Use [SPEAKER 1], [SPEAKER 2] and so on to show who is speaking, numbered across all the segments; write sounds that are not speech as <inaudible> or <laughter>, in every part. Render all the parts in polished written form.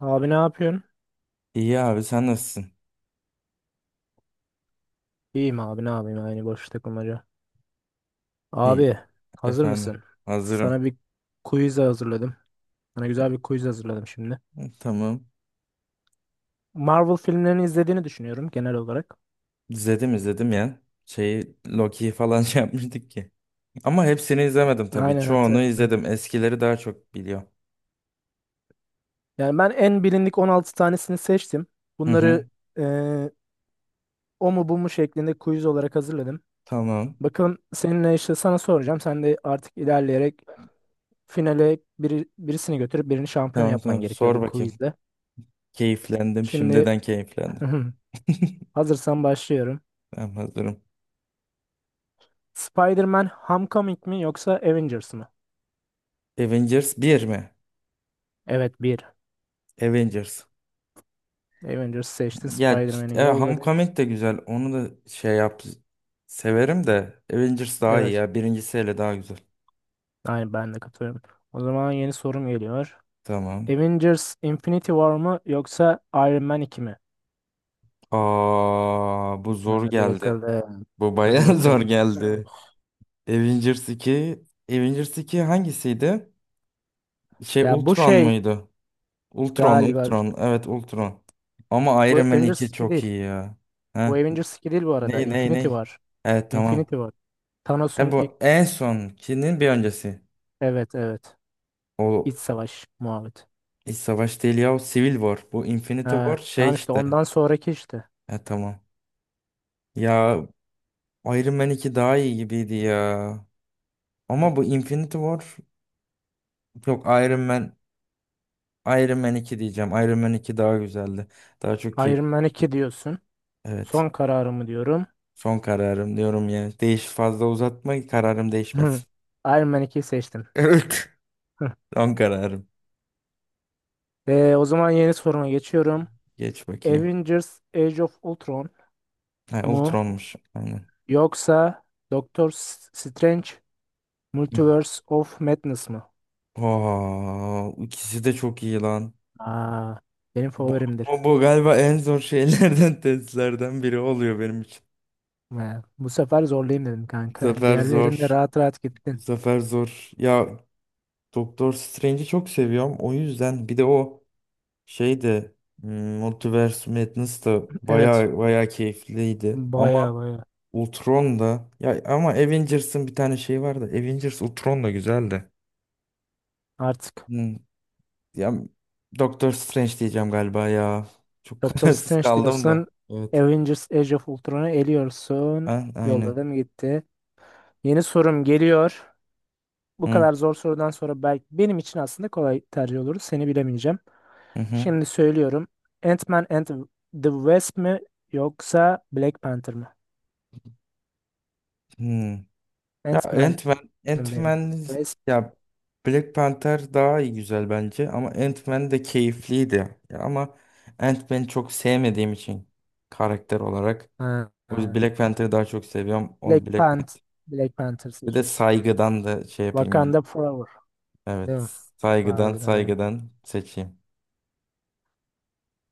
[SPEAKER 1] Abi ne yapıyorsun?
[SPEAKER 2] İyi abi sen nasılsın?
[SPEAKER 1] İyiyim abi ne yapayım aynı boş takılmaca.
[SPEAKER 2] İyi.
[SPEAKER 1] Abi hazır
[SPEAKER 2] Efendim
[SPEAKER 1] mısın?
[SPEAKER 2] hazırım.
[SPEAKER 1] Sana bir quiz hazırladım. Sana güzel bir quiz hazırladım şimdi.
[SPEAKER 2] Tamam.
[SPEAKER 1] Marvel filmlerini izlediğini düşünüyorum genel olarak.
[SPEAKER 2] İzledim izledim ya. Şeyi Loki'yi falan <laughs> şey yapmıştık ki. Ama hepsini izlemedim tabii.
[SPEAKER 1] Aynen
[SPEAKER 2] Çoğunu
[SPEAKER 1] hatırlıyorum.
[SPEAKER 2] izledim. Eskileri daha çok biliyorum.
[SPEAKER 1] Yani ben en bilindik 16 tanesini seçtim.
[SPEAKER 2] Hı hı.
[SPEAKER 1] Bunları eee, o mu bu mu şeklinde quiz olarak hazırladım.
[SPEAKER 2] Tamam.
[SPEAKER 1] Bakalım seninle işte sana soracağım. Sen de artık ilerleyerek finale biri, birisini götürüp birini şampiyon
[SPEAKER 2] Tamam
[SPEAKER 1] yapman
[SPEAKER 2] tamam.
[SPEAKER 1] gerekiyor
[SPEAKER 2] Sor
[SPEAKER 1] bu
[SPEAKER 2] bakayım.
[SPEAKER 1] quizde.
[SPEAKER 2] Keyiflendim.
[SPEAKER 1] Şimdi
[SPEAKER 2] Şimdiden keyiflendim.
[SPEAKER 1] <laughs>
[SPEAKER 2] <laughs>
[SPEAKER 1] hazırsan başlıyorum.
[SPEAKER 2] Ben hazırım.
[SPEAKER 1] Spider-Man Homecoming mi yoksa Avengers mı?
[SPEAKER 2] Avengers bir mi?
[SPEAKER 1] Evet bir.
[SPEAKER 2] Avengers.
[SPEAKER 1] Avengers seçtin,
[SPEAKER 2] Ya
[SPEAKER 1] Spider-Man'i yolladık.
[SPEAKER 2] Homecoming de güzel. Onu da şey yap. Severim de Avengers daha iyi
[SPEAKER 1] Evet.
[SPEAKER 2] ya. Birincisi hele daha güzel.
[SPEAKER 1] Yani ben de katılıyorum. O zaman yeni sorum geliyor.
[SPEAKER 2] Tamam.
[SPEAKER 1] Avengers Infinity War mı yoksa Iron Man 2 mi?
[SPEAKER 2] Aa, bu zor
[SPEAKER 1] Hadi
[SPEAKER 2] geldi.
[SPEAKER 1] bakalım.
[SPEAKER 2] Bu
[SPEAKER 1] Hadi
[SPEAKER 2] bayağı <laughs> zor
[SPEAKER 1] bakalım. Evet.
[SPEAKER 2] geldi. Avengers 2, Avengers 2 hangisiydi? Şey
[SPEAKER 1] Ya bu
[SPEAKER 2] Ultron
[SPEAKER 1] şey
[SPEAKER 2] muydu? Ultron,
[SPEAKER 1] galiba
[SPEAKER 2] Ultron. Evet, Ultron. Ama
[SPEAKER 1] bu
[SPEAKER 2] Iron Man
[SPEAKER 1] Avengers
[SPEAKER 2] iki
[SPEAKER 1] 2
[SPEAKER 2] çok
[SPEAKER 1] değil.
[SPEAKER 2] iyi ya.
[SPEAKER 1] Bu
[SPEAKER 2] Ha?
[SPEAKER 1] Avengers 2 değil bu arada.
[SPEAKER 2] Ney ney
[SPEAKER 1] Infinity
[SPEAKER 2] ney?
[SPEAKER 1] War.
[SPEAKER 2] Evet tamam.
[SPEAKER 1] Infinity War.
[SPEAKER 2] E
[SPEAKER 1] Thanos'un ilk
[SPEAKER 2] bu en sonkinin bir öncesi.
[SPEAKER 1] evet evet.
[SPEAKER 2] O
[SPEAKER 1] İç savaş muhabbet.
[SPEAKER 2] hiç savaş değil ya. O Civil War. Bu Infinity War
[SPEAKER 1] Ha,
[SPEAKER 2] şey
[SPEAKER 1] tamam işte
[SPEAKER 2] işte.
[SPEAKER 1] ondan sonraki işte.
[SPEAKER 2] E tamam. Ya Iron Man iki daha iyi gibiydi ya. Ama bu Infinity War. Yok Iron Man. Iron Man iki diyeceğim. Iron Man iki daha güzeldi. Daha çok keyif.
[SPEAKER 1] Iron Man 2 diyorsun.
[SPEAKER 2] Evet.
[SPEAKER 1] Son kararımı diyorum.
[SPEAKER 2] Son kararım diyorum ya. Değiş fazla uzatma kararım değişmesin.
[SPEAKER 1] <laughs> Iron Man 2'yi seçtim.
[SPEAKER 2] <laughs> Evet.
[SPEAKER 1] Hı.
[SPEAKER 2] Son kararım.
[SPEAKER 1] O zaman yeni soruma geçiyorum.
[SPEAKER 2] Geç bakayım.
[SPEAKER 1] Avengers Age of Ultron
[SPEAKER 2] Ha,
[SPEAKER 1] mu
[SPEAKER 2] Ultron'muş. Aynen.
[SPEAKER 1] yoksa Doctor Strange Multiverse
[SPEAKER 2] <laughs>
[SPEAKER 1] of Madness mı?
[SPEAKER 2] Oo, ikisi de çok iyi lan.
[SPEAKER 1] Aa, benim
[SPEAKER 2] Bu,
[SPEAKER 1] favorimdir.
[SPEAKER 2] bu galiba en zor şeylerden <laughs> testlerden biri oluyor benim için.
[SPEAKER 1] Ha, bu sefer zorlayayım dedim
[SPEAKER 2] Bu
[SPEAKER 1] kanka. <laughs>
[SPEAKER 2] sefer
[SPEAKER 1] Diğerlerinde
[SPEAKER 2] zor.
[SPEAKER 1] rahat rahat
[SPEAKER 2] Bu
[SPEAKER 1] gittin.
[SPEAKER 2] sefer zor. Ya Doktor Strange'i çok seviyorum. O yüzden bir de o şey de hmm, Multiverse Madness da
[SPEAKER 1] Evet.
[SPEAKER 2] baya baya keyifliydi.
[SPEAKER 1] Baya
[SPEAKER 2] Ama
[SPEAKER 1] baya.
[SPEAKER 2] Ultron da ya ama Avengers'ın bir tane şeyi vardı. Avengers Ultron da güzeldi.
[SPEAKER 1] Artık
[SPEAKER 2] Hmm, ya Doctor Strange diyeceğim galiba ya. Çok <laughs>
[SPEAKER 1] Doctor
[SPEAKER 2] kararsız
[SPEAKER 1] Strange
[SPEAKER 2] kaldım
[SPEAKER 1] diyorsun.
[SPEAKER 2] da. Evet.
[SPEAKER 1] Avengers Age of Ultron'u eliyorsun.
[SPEAKER 2] Aynen.
[SPEAKER 1] Yolladım gitti. Yeni sorum geliyor. Bu
[SPEAKER 2] Hı
[SPEAKER 1] kadar zor sorudan sonra belki benim için aslında kolay tercih olur. Seni bilemeyeceğim.
[SPEAKER 2] hı. Hı.
[SPEAKER 1] Şimdi söylüyorum. Ant-Man and the Wasp mi yoksa Black Panther mı?
[SPEAKER 2] Hı. Ya
[SPEAKER 1] Ant-Man
[SPEAKER 2] Ant-Man,
[SPEAKER 1] ve
[SPEAKER 2] Ant-Man
[SPEAKER 1] Wasp.
[SPEAKER 2] ya Black Panther daha iyi güzel bence ama Ant-Man de keyifliydi. Ya ama Ant-Man'i çok sevmediğim için karakter olarak
[SPEAKER 1] Ha,
[SPEAKER 2] o yüzden
[SPEAKER 1] ha.
[SPEAKER 2] Black Panther'ı daha çok seviyorum.
[SPEAKER 1] Black
[SPEAKER 2] Onu Black
[SPEAKER 1] Panther.
[SPEAKER 2] Panther.
[SPEAKER 1] Black Panther
[SPEAKER 2] Bir de
[SPEAKER 1] seçiyoruz.
[SPEAKER 2] saygıdan da şey yapayım.
[SPEAKER 1] Wakanda Forever. Değil
[SPEAKER 2] Evet.
[SPEAKER 1] mi?
[SPEAKER 2] Saygıdan
[SPEAKER 1] Harbiden öyle.
[SPEAKER 2] saygıdan seçeyim.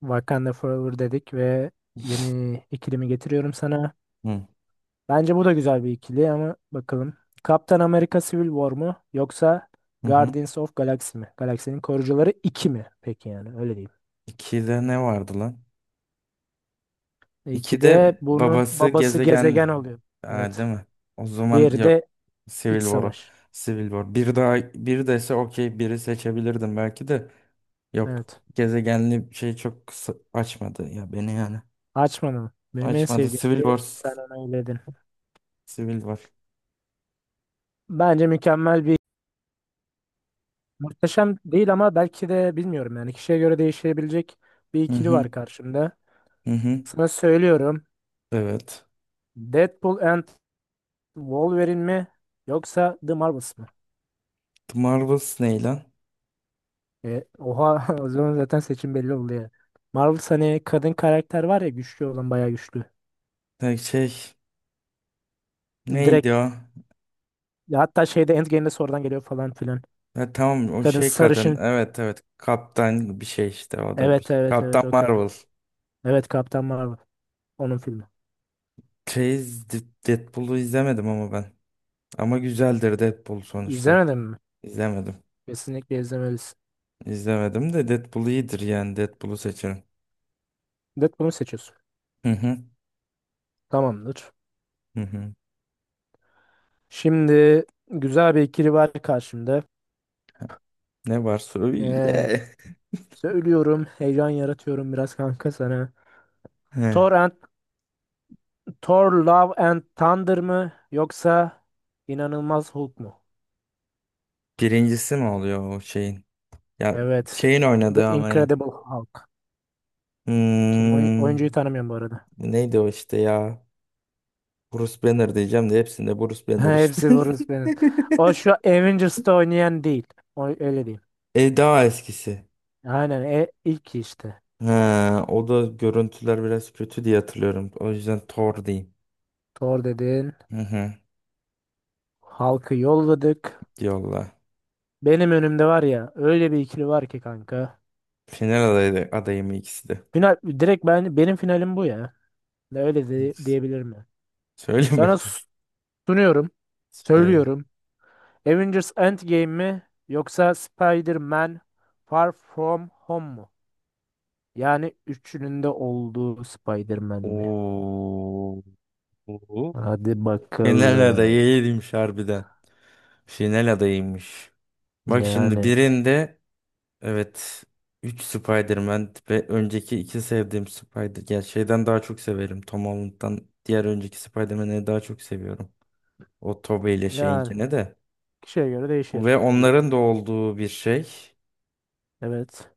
[SPEAKER 1] Wakanda Forever dedik ve yeni ikilimi getiriyorum sana.
[SPEAKER 2] Hı
[SPEAKER 1] Bence bu da güzel bir ikili ama bakalım. Kaptan Amerika Civil War mu yoksa
[SPEAKER 2] hı. Hı.
[SPEAKER 1] Guardians of Galaxy mi? Galaksinin Korucuları 2 mi? Peki yani öyle diyeyim.
[SPEAKER 2] İkide ne vardı lan?
[SPEAKER 1] E, 2 de
[SPEAKER 2] İkide
[SPEAKER 1] bunun
[SPEAKER 2] babası
[SPEAKER 1] babası
[SPEAKER 2] gezegen,
[SPEAKER 1] gezegen oluyor.
[SPEAKER 2] ha,
[SPEAKER 1] Evet.
[SPEAKER 2] değil mi? O zaman
[SPEAKER 1] Diğeri de
[SPEAKER 2] Civil
[SPEAKER 1] iç
[SPEAKER 2] War'u.
[SPEAKER 1] savaş.
[SPEAKER 2] Civil War. Bir daha bir dese okey biri seçebilirdim belki de. Yok
[SPEAKER 1] Evet.
[SPEAKER 2] gezegenli şey çok açmadı ya beni yani.
[SPEAKER 1] Açmadım. Benim en
[SPEAKER 2] Açmadı.
[SPEAKER 1] sevdiğim
[SPEAKER 2] Civil
[SPEAKER 1] de
[SPEAKER 2] War.
[SPEAKER 1] sen ona eyledin.
[SPEAKER 2] Civil War.
[SPEAKER 1] Bence mükemmel bir muhteşem değil ama belki de bilmiyorum yani kişiye göre değişebilecek bir
[SPEAKER 2] Hı
[SPEAKER 1] ikili
[SPEAKER 2] hı.
[SPEAKER 1] var karşımda.
[SPEAKER 2] Hı hı.
[SPEAKER 1] Sana söylüyorum.
[SPEAKER 2] Evet.
[SPEAKER 1] Deadpool and Wolverine mi yoksa The Marvels mı?
[SPEAKER 2] The Marvels ne lan?
[SPEAKER 1] E, oha <laughs> o zaman zaten seçim belli oldu ya. Marvel hani kadın karakter var ya güçlü olan bayağı güçlü.
[SPEAKER 2] Ha, şey
[SPEAKER 1] Direkt
[SPEAKER 2] neydi o?
[SPEAKER 1] ya hatta şeyde Endgame'de sorudan geliyor falan filan.
[SPEAKER 2] Ha, tamam o
[SPEAKER 1] Kadın
[SPEAKER 2] şey kadın.
[SPEAKER 1] sarışın.
[SPEAKER 2] Evet evet. Kaptan bir şey işte o da
[SPEAKER 1] Evet
[SPEAKER 2] bir.
[SPEAKER 1] evet
[SPEAKER 2] Kaptan
[SPEAKER 1] evet o kadın.
[SPEAKER 2] Marvel.
[SPEAKER 1] Evet Kaptan Marvel. Onun filmi.
[SPEAKER 2] Şey, Deadpool'u izlemedim ama ben. Ama güzeldir Deadpool sonuçta.
[SPEAKER 1] İzlemedin mi?
[SPEAKER 2] İzlemedim.
[SPEAKER 1] Kesinlikle izlemelisin.
[SPEAKER 2] İzlemedim de Deadpool iyidir yani Deadpool'u seçerim.
[SPEAKER 1] Deadpool'u seçiyorsun.
[SPEAKER 2] Hı hı.
[SPEAKER 1] Tamamdır.
[SPEAKER 2] Hı hı.
[SPEAKER 1] Şimdi güzel bir ikili var karşımda.
[SPEAKER 2] Ne var
[SPEAKER 1] Ee,
[SPEAKER 2] söyle.
[SPEAKER 1] söylüyorum, heyecan yaratıyorum biraz kanka sana.
[SPEAKER 2] He.
[SPEAKER 1] Thor Thor Love and Thunder mı yoksa İnanılmaz Hulk mu?
[SPEAKER 2] Birincisi mi oluyor o şeyin? Ya
[SPEAKER 1] Evet.
[SPEAKER 2] şeyin
[SPEAKER 1] The
[SPEAKER 2] oynadığı ama ya.
[SPEAKER 1] Incredible Hulk. Kim oyuncuyu
[SPEAKER 2] Hmm,
[SPEAKER 1] tanımıyorum bu arada.
[SPEAKER 2] neydi o işte ya? Bruce Banner diyeceğim de hepsinde Bruce
[SPEAKER 1] <laughs>
[SPEAKER 2] Banner işte.
[SPEAKER 1] Hepsi
[SPEAKER 2] <laughs>
[SPEAKER 1] Bruce Banner. O şu Avengers'ta oynayan değil. O öyle değil.
[SPEAKER 2] E daha eskisi.
[SPEAKER 1] Aynen e, ilk işte.
[SPEAKER 2] Ha, o da görüntüler biraz kötü diye hatırlıyorum. O yüzden Thor diyeyim.
[SPEAKER 1] Thor dedin.
[SPEAKER 2] Hı hı.
[SPEAKER 1] Hulk'ı yolladık.
[SPEAKER 2] Yolla.
[SPEAKER 1] Benim önümde var ya öyle bir ikili var ki kanka.
[SPEAKER 2] Final adayı, adayı mı ikisi de?
[SPEAKER 1] Final direkt ben benim finalim bu ya. Ne Öyle de, diyebilir mi?
[SPEAKER 2] Söyle
[SPEAKER 1] Sana
[SPEAKER 2] bakayım.
[SPEAKER 1] s- sunuyorum.
[SPEAKER 2] Söyle.
[SPEAKER 1] Söylüyorum. Avengers Endgame mi yoksa Spider-Man Far From Home mu? Yani üçünün de olduğu Spider-Man mi?
[SPEAKER 2] Oo.
[SPEAKER 1] Hadi
[SPEAKER 2] Final
[SPEAKER 1] bakalım.
[SPEAKER 2] adayıymış harbiden. Final adayıymış. Bak şimdi
[SPEAKER 1] Yani
[SPEAKER 2] birinde evet 3 Spider-Man ve önceki iki sevdiğim Spider ya şeyden daha çok severim. Tom Holland'dan diğer önceki Spider-Man'i daha çok seviyorum. O Tobey ile
[SPEAKER 1] yani
[SPEAKER 2] şeyinkine de.
[SPEAKER 1] kişiye göre değişir
[SPEAKER 2] Ve
[SPEAKER 1] diye.
[SPEAKER 2] onların da olduğu bir şey.
[SPEAKER 1] Evet.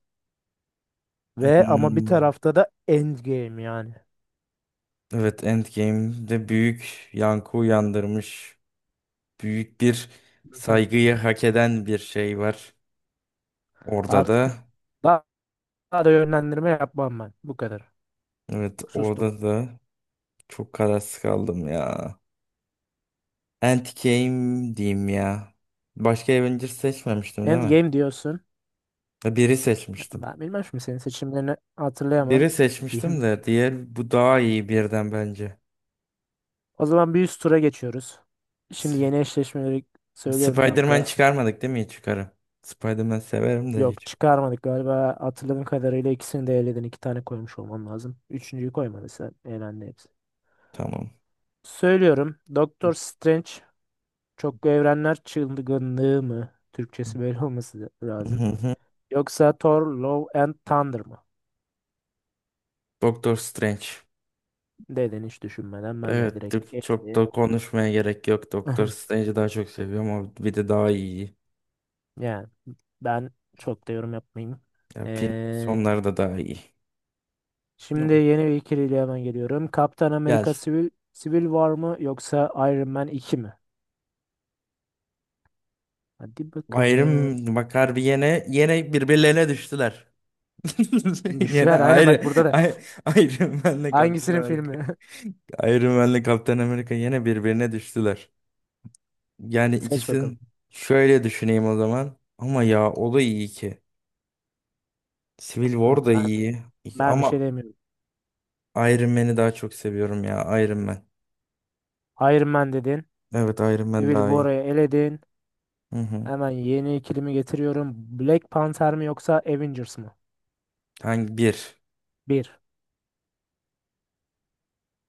[SPEAKER 1] Ve ama bir
[SPEAKER 2] Hmm,
[SPEAKER 1] tarafta da Endgame yani.
[SPEAKER 2] evet Endgame'de büyük yankı uyandırmış. Büyük bir
[SPEAKER 1] <laughs>
[SPEAKER 2] saygıyı hak eden bir şey var. Orada
[SPEAKER 1] Artık
[SPEAKER 2] da
[SPEAKER 1] daha, daha da yönlendirme yapmam ben. Bu kadar.
[SPEAKER 2] evet
[SPEAKER 1] Sustum.
[SPEAKER 2] orada da çok kararsız kaldım ya. Endgame diyeyim ya. Başka Avengers seçmemiştim değil mi?
[SPEAKER 1] Endgame diyorsun.
[SPEAKER 2] Ya biri seçmiştim.
[SPEAKER 1] Ben bilmem şimdi senin seçimlerini hatırlayamam.
[SPEAKER 2] Biri seçmiştim
[SPEAKER 1] Diyeyim
[SPEAKER 2] de diğer bu daha iyi birden bence.
[SPEAKER 1] o zaman bir üst tura geçiyoruz. Şimdi
[SPEAKER 2] S-
[SPEAKER 1] yeni eşleşmeleri söylüyorum
[SPEAKER 2] Spider-Man
[SPEAKER 1] kanka.
[SPEAKER 2] çıkarmadık değil mi? Hiç çıkarım. Spider-Man severim de
[SPEAKER 1] Yok
[SPEAKER 2] hiç.
[SPEAKER 1] çıkarmadık galiba, hatırladığım kadarıyla ikisini de eledin. İki tane koymuş olman lazım. Üçüncüyü koymadın sen. Elendi hepsi.
[SPEAKER 2] Tamam.
[SPEAKER 1] Söylüyorum. Doktor Strange çoklu evrenler çılgınlığı mı? Türkçesi böyle olması
[SPEAKER 2] <laughs> Hı
[SPEAKER 1] lazım.
[SPEAKER 2] hı.
[SPEAKER 1] Yoksa Thor Love and Thunder mı?
[SPEAKER 2] Doctor Strange.
[SPEAKER 1] Dedin hiç düşünmeden ben de
[SPEAKER 2] Evet
[SPEAKER 1] direkt
[SPEAKER 2] çok da
[SPEAKER 1] eledim.
[SPEAKER 2] konuşmaya gerek yok. Doctor
[SPEAKER 1] <laughs>
[SPEAKER 2] Strange'i daha çok seviyorum. Ama bir de daha iyi.
[SPEAKER 1] Yani ben çok da yorum yapmayayım.
[SPEAKER 2] Ya film
[SPEAKER 1] Ee,
[SPEAKER 2] sonları da daha iyi.
[SPEAKER 1] Şimdi yeni bir ikiliyle hemen geliyorum. Kaptan
[SPEAKER 2] Gel.
[SPEAKER 1] Amerika Civil War mı yoksa Iron Man iki mi? Hadi bakalım.
[SPEAKER 2] Ayrım bakar bir yene yine birbirlerine düştüler. <laughs> Yine
[SPEAKER 1] Düştüler. Aynen bak,
[SPEAKER 2] ayrı
[SPEAKER 1] burada da.
[SPEAKER 2] ay, Iron Man'le Kaptan
[SPEAKER 1] Hangisinin
[SPEAKER 2] Amerika.
[SPEAKER 1] filmi?
[SPEAKER 2] Iron Man'le Kaptan Amerika yine birbirine düştüler. Yani
[SPEAKER 1] <laughs> Seç bakalım.
[SPEAKER 2] ikisini şöyle düşüneyim o zaman. Ama ya o da iyi ki. Civil
[SPEAKER 1] Hı,
[SPEAKER 2] War da
[SPEAKER 1] Ben,
[SPEAKER 2] iyi.
[SPEAKER 1] ben bir şey
[SPEAKER 2] Ama
[SPEAKER 1] demiyorum.
[SPEAKER 2] Iron Man'i daha çok seviyorum ya. Iron Man.
[SPEAKER 1] Iron Man dedin.
[SPEAKER 2] Evet Iron Man
[SPEAKER 1] Civil
[SPEAKER 2] daha iyi.
[SPEAKER 1] War'ı eledin.
[SPEAKER 2] Hı hı.
[SPEAKER 1] Hemen yeni ikilimi getiriyorum. Black Panther mi yoksa Avengers mı?
[SPEAKER 2] Hangi bir?
[SPEAKER 1] Bir.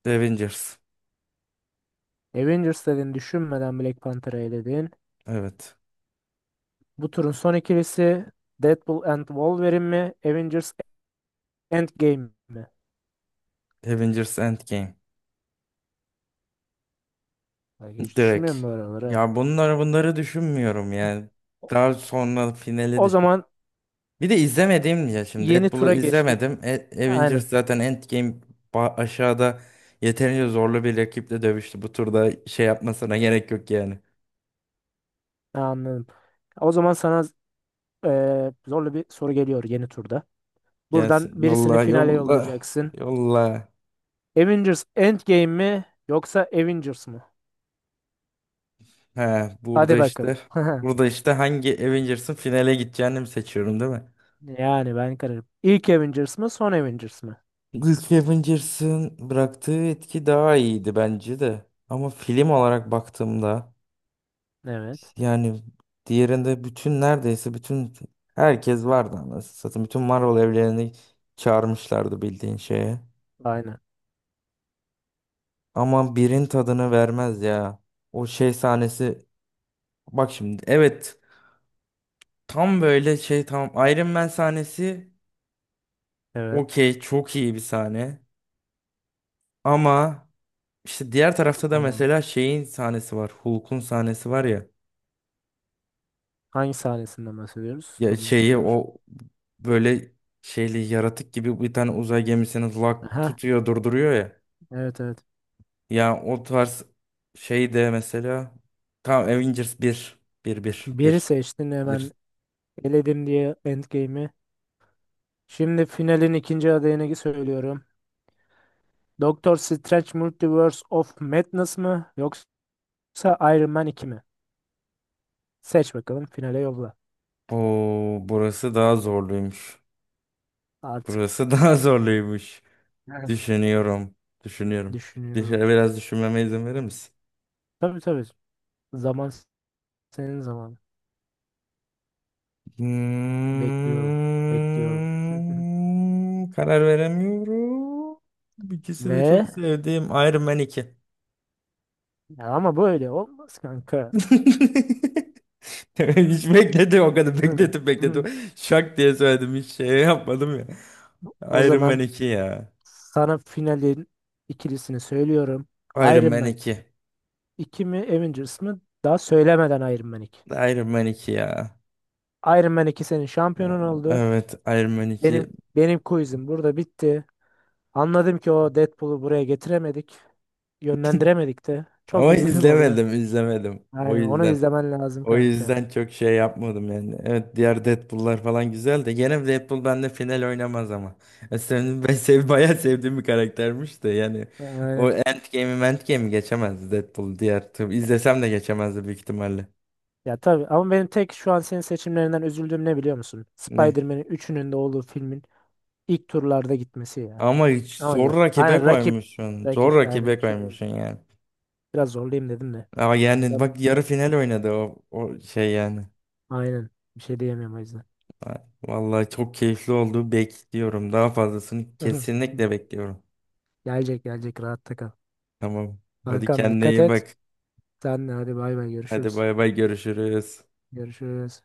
[SPEAKER 2] Avengers.
[SPEAKER 1] Avengers dedin. Düşünmeden Black Panther'ı eledin.
[SPEAKER 2] Evet.
[SPEAKER 1] Bu turun son ikilisi Deadpool and Wolverine mi? Avengers Endgame mi?
[SPEAKER 2] Avengers Endgame.
[SPEAKER 1] Bak hiç
[SPEAKER 2] Direkt.
[SPEAKER 1] düşünmüyorum böyle onları. Ha.
[SPEAKER 2] Ya bunları bunları düşünmüyorum yani.
[SPEAKER 1] O
[SPEAKER 2] Daha sonra finali
[SPEAKER 1] o
[SPEAKER 2] düşün.
[SPEAKER 1] zaman
[SPEAKER 2] Bir de izlemediğim ya şimdi
[SPEAKER 1] yeni
[SPEAKER 2] Deadpool'u
[SPEAKER 1] tura geçtik.
[SPEAKER 2] izlemedim. E-
[SPEAKER 1] Aynen.
[SPEAKER 2] Avengers zaten Endgame aşağıda yeterince zorlu bir rakiple dövüştü. Bu turda şey yapmasına <laughs> gerek yok yani.
[SPEAKER 1] Ha, anladım. O zaman sana zorlu bir soru geliyor yeni turda. Buradan
[SPEAKER 2] Gelsin
[SPEAKER 1] birisini
[SPEAKER 2] yolla
[SPEAKER 1] finale
[SPEAKER 2] yolla
[SPEAKER 1] yollayacaksın.
[SPEAKER 2] yolla.
[SPEAKER 1] Avengers Endgame mi yoksa Avengers mı?
[SPEAKER 2] He burada
[SPEAKER 1] Hadi bakalım.
[SPEAKER 2] işte
[SPEAKER 1] <laughs>
[SPEAKER 2] burada işte hangi Avengers'ın finale gideceğini mi seçiyorum değil mi?
[SPEAKER 1] Yani ben kararım. İlk Avengers mı son Avengers mı?
[SPEAKER 2] İlk Avengers'ın bıraktığı etki daha iyiydi bence de. Ama film olarak baktığımda
[SPEAKER 1] Evet.
[SPEAKER 2] yani diğerinde bütün neredeyse bütün herkes vardı anasını satayım. Bütün Marvel evlerini çağırmışlardı bildiğin şeye.
[SPEAKER 1] Aynen.
[SPEAKER 2] Ama birin tadını vermez ya. O şey sahnesi bak şimdi evet tam böyle şey tam Iron Man sahnesi
[SPEAKER 1] Evet.
[SPEAKER 2] okey çok iyi bir sahne. Ama işte diğer tarafta da
[SPEAKER 1] Aman.
[SPEAKER 2] mesela şeyin sahnesi var. Hulk'un sahnesi var ya.
[SPEAKER 1] Hangi sahnesinden bahsediyoruz?
[SPEAKER 2] Ya
[SPEAKER 1] Tamam.
[SPEAKER 2] şeyi
[SPEAKER 1] Çağır.
[SPEAKER 2] o böyle şeyli yaratık gibi bir tane uzay gemisini lak
[SPEAKER 1] Aha.
[SPEAKER 2] tutuyor durduruyor ya.
[SPEAKER 1] Evet evet.
[SPEAKER 2] Yani o tarz şey de mesela tam Avengers bir bir bir
[SPEAKER 1] Biri
[SPEAKER 2] bir
[SPEAKER 1] seçtin hemen
[SPEAKER 2] bir.
[SPEAKER 1] eledim diye Endgame'i. Şimdi finalin ikinci adayını söylüyorum. Doctor Strange Multiverse of Madness mı yoksa Iron Man iki mi? Seç bakalım, finale yolla.
[SPEAKER 2] Oo, burası daha zorluymuş.
[SPEAKER 1] Artık
[SPEAKER 2] Burası <laughs> daha zorluymuş.
[SPEAKER 1] evet.
[SPEAKER 2] Düşünüyorum. Düşünüyorum. Bir şey
[SPEAKER 1] Düşünüyorum.
[SPEAKER 2] biraz düşünmeme izin verir misin?
[SPEAKER 1] Tabii tabii. Zaman senin zamanın. Bekliyorum. Bekliyorum. <laughs>
[SPEAKER 2] Karar veremiyorum. İkisi de çok
[SPEAKER 1] Ve
[SPEAKER 2] sevdiğim Iron Man iki.
[SPEAKER 1] ya ama böyle olmaz kanka.
[SPEAKER 2] <laughs> <laughs> Hiç bekledim o kadar
[SPEAKER 1] <laughs> Hı,
[SPEAKER 2] bekledim bekledim.
[SPEAKER 1] hı.
[SPEAKER 2] Şak diye söyledim hiç şey yapmadım ya.
[SPEAKER 1] O
[SPEAKER 2] Iron Man
[SPEAKER 1] zaman
[SPEAKER 2] iki ya.
[SPEAKER 1] sana finalin ikilisini söylüyorum.
[SPEAKER 2] Iron
[SPEAKER 1] Iron
[SPEAKER 2] Man
[SPEAKER 1] Man
[SPEAKER 2] iki,
[SPEAKER 1] iki mi Avengers mı? Daha söylemeden Iron Man iki.
[SPEAKER 2] Iron Man iki ya.
[SPEAKER 1] Iron Man iki senin şampiyonun oldu.
[SPEAKER 2] Evet Iron Man iki.
[SPEAKER 1] Benim benim quizim burada bitti. Anladım ki o Deadpool'u buraya getiremedik. Yönlendiremedik de. Çok
[SPEAKER 2] Ama
[SPEAKER 1] üzüldüm orada.
[SPEAKER 2] izlemedim izlemedim. O
[SPEAKER 1] Aynen onu
[SPEAKER 2] yüzden.
[SPEAKER 1] izlemen lazım
[SPEAKER 2] O
[SPEAKER 1] kanka.
[SPEAKER 2] yüzden çok şey yapmadım yani. Evet diğer Deadpool'lar falan güzel de gene Deadpool bende final oynamaz ama. E, senin, ben sev, bayağı sevdiğim bir karaktermiş de yani. O
[SPEAKER 1] Aynen.
[SPEAKER 2] Endgame'i Endgame'i geçemezdi Deadpool diğer. Tabii izlesem de geçemezdi büyük ihtimalle.
[SPEAKER 1] Ya tabii ama benim tek şu an senin seçimlerinden üzüldüğüm ne biliyor musun?
[SPEAKER 2] Ne?
[SPEAKER 1] Spider-Man'in üçünün de olduğu filmin ilk turlarda gitmesi ya.
[SPEAKER 2] Ama hiç
[SPEAKER 1] Ama gel.
[SPEAKER 2] zor rakibe
[SPEAKER 1] Aynen, rakip
[SPEAKER 2] koymuşsun. Zor
[SPEAKER 1] rakip aynen bir
[SPEAKER 2] rakibe
[SPEAKER 1] şey diyeyim.
[SPEAKER 2] koymuşsun yani.
[SPEAKER 1] Biraz zorlayayım dedim de.
[SPEAKER 2] Ama yani
[SPEAKER 1] Ya-
[SPEAKER 2] bak yarı final oynadı o, o şey yani.
[SPEAKER 1] Aynen bir şey diyemiyorum o yüzden.
[SPEAKER 2] Ha, vallahi çok keyifli oldu. Bekliyorum. Daha fazlasını
[SPEAKER 1] <laughs>
[SPEAKER 2] kesinlikle bekliyorum.
[SPEAKER 1] Gelecek gelecek rahatta kal.
[SPEAKER 2] Tamam. Hadi
[SPEAKER 1] Kankam
[SPEAKER 2] kendine
[SPEAKER 1] dikkat
[SPEAKER 2] iyi
[SPEAKER 1] et.
[SPEAKER 2] bak.
[SPEAKER 1] Sen de hadi bay bay
[SPEAKER 2] Hadi
[SPEAKER 1] görüşürüz.
[SPEAKER 2] bay bay görüşürüz.
[SPEAKER 1] Görüşürüz.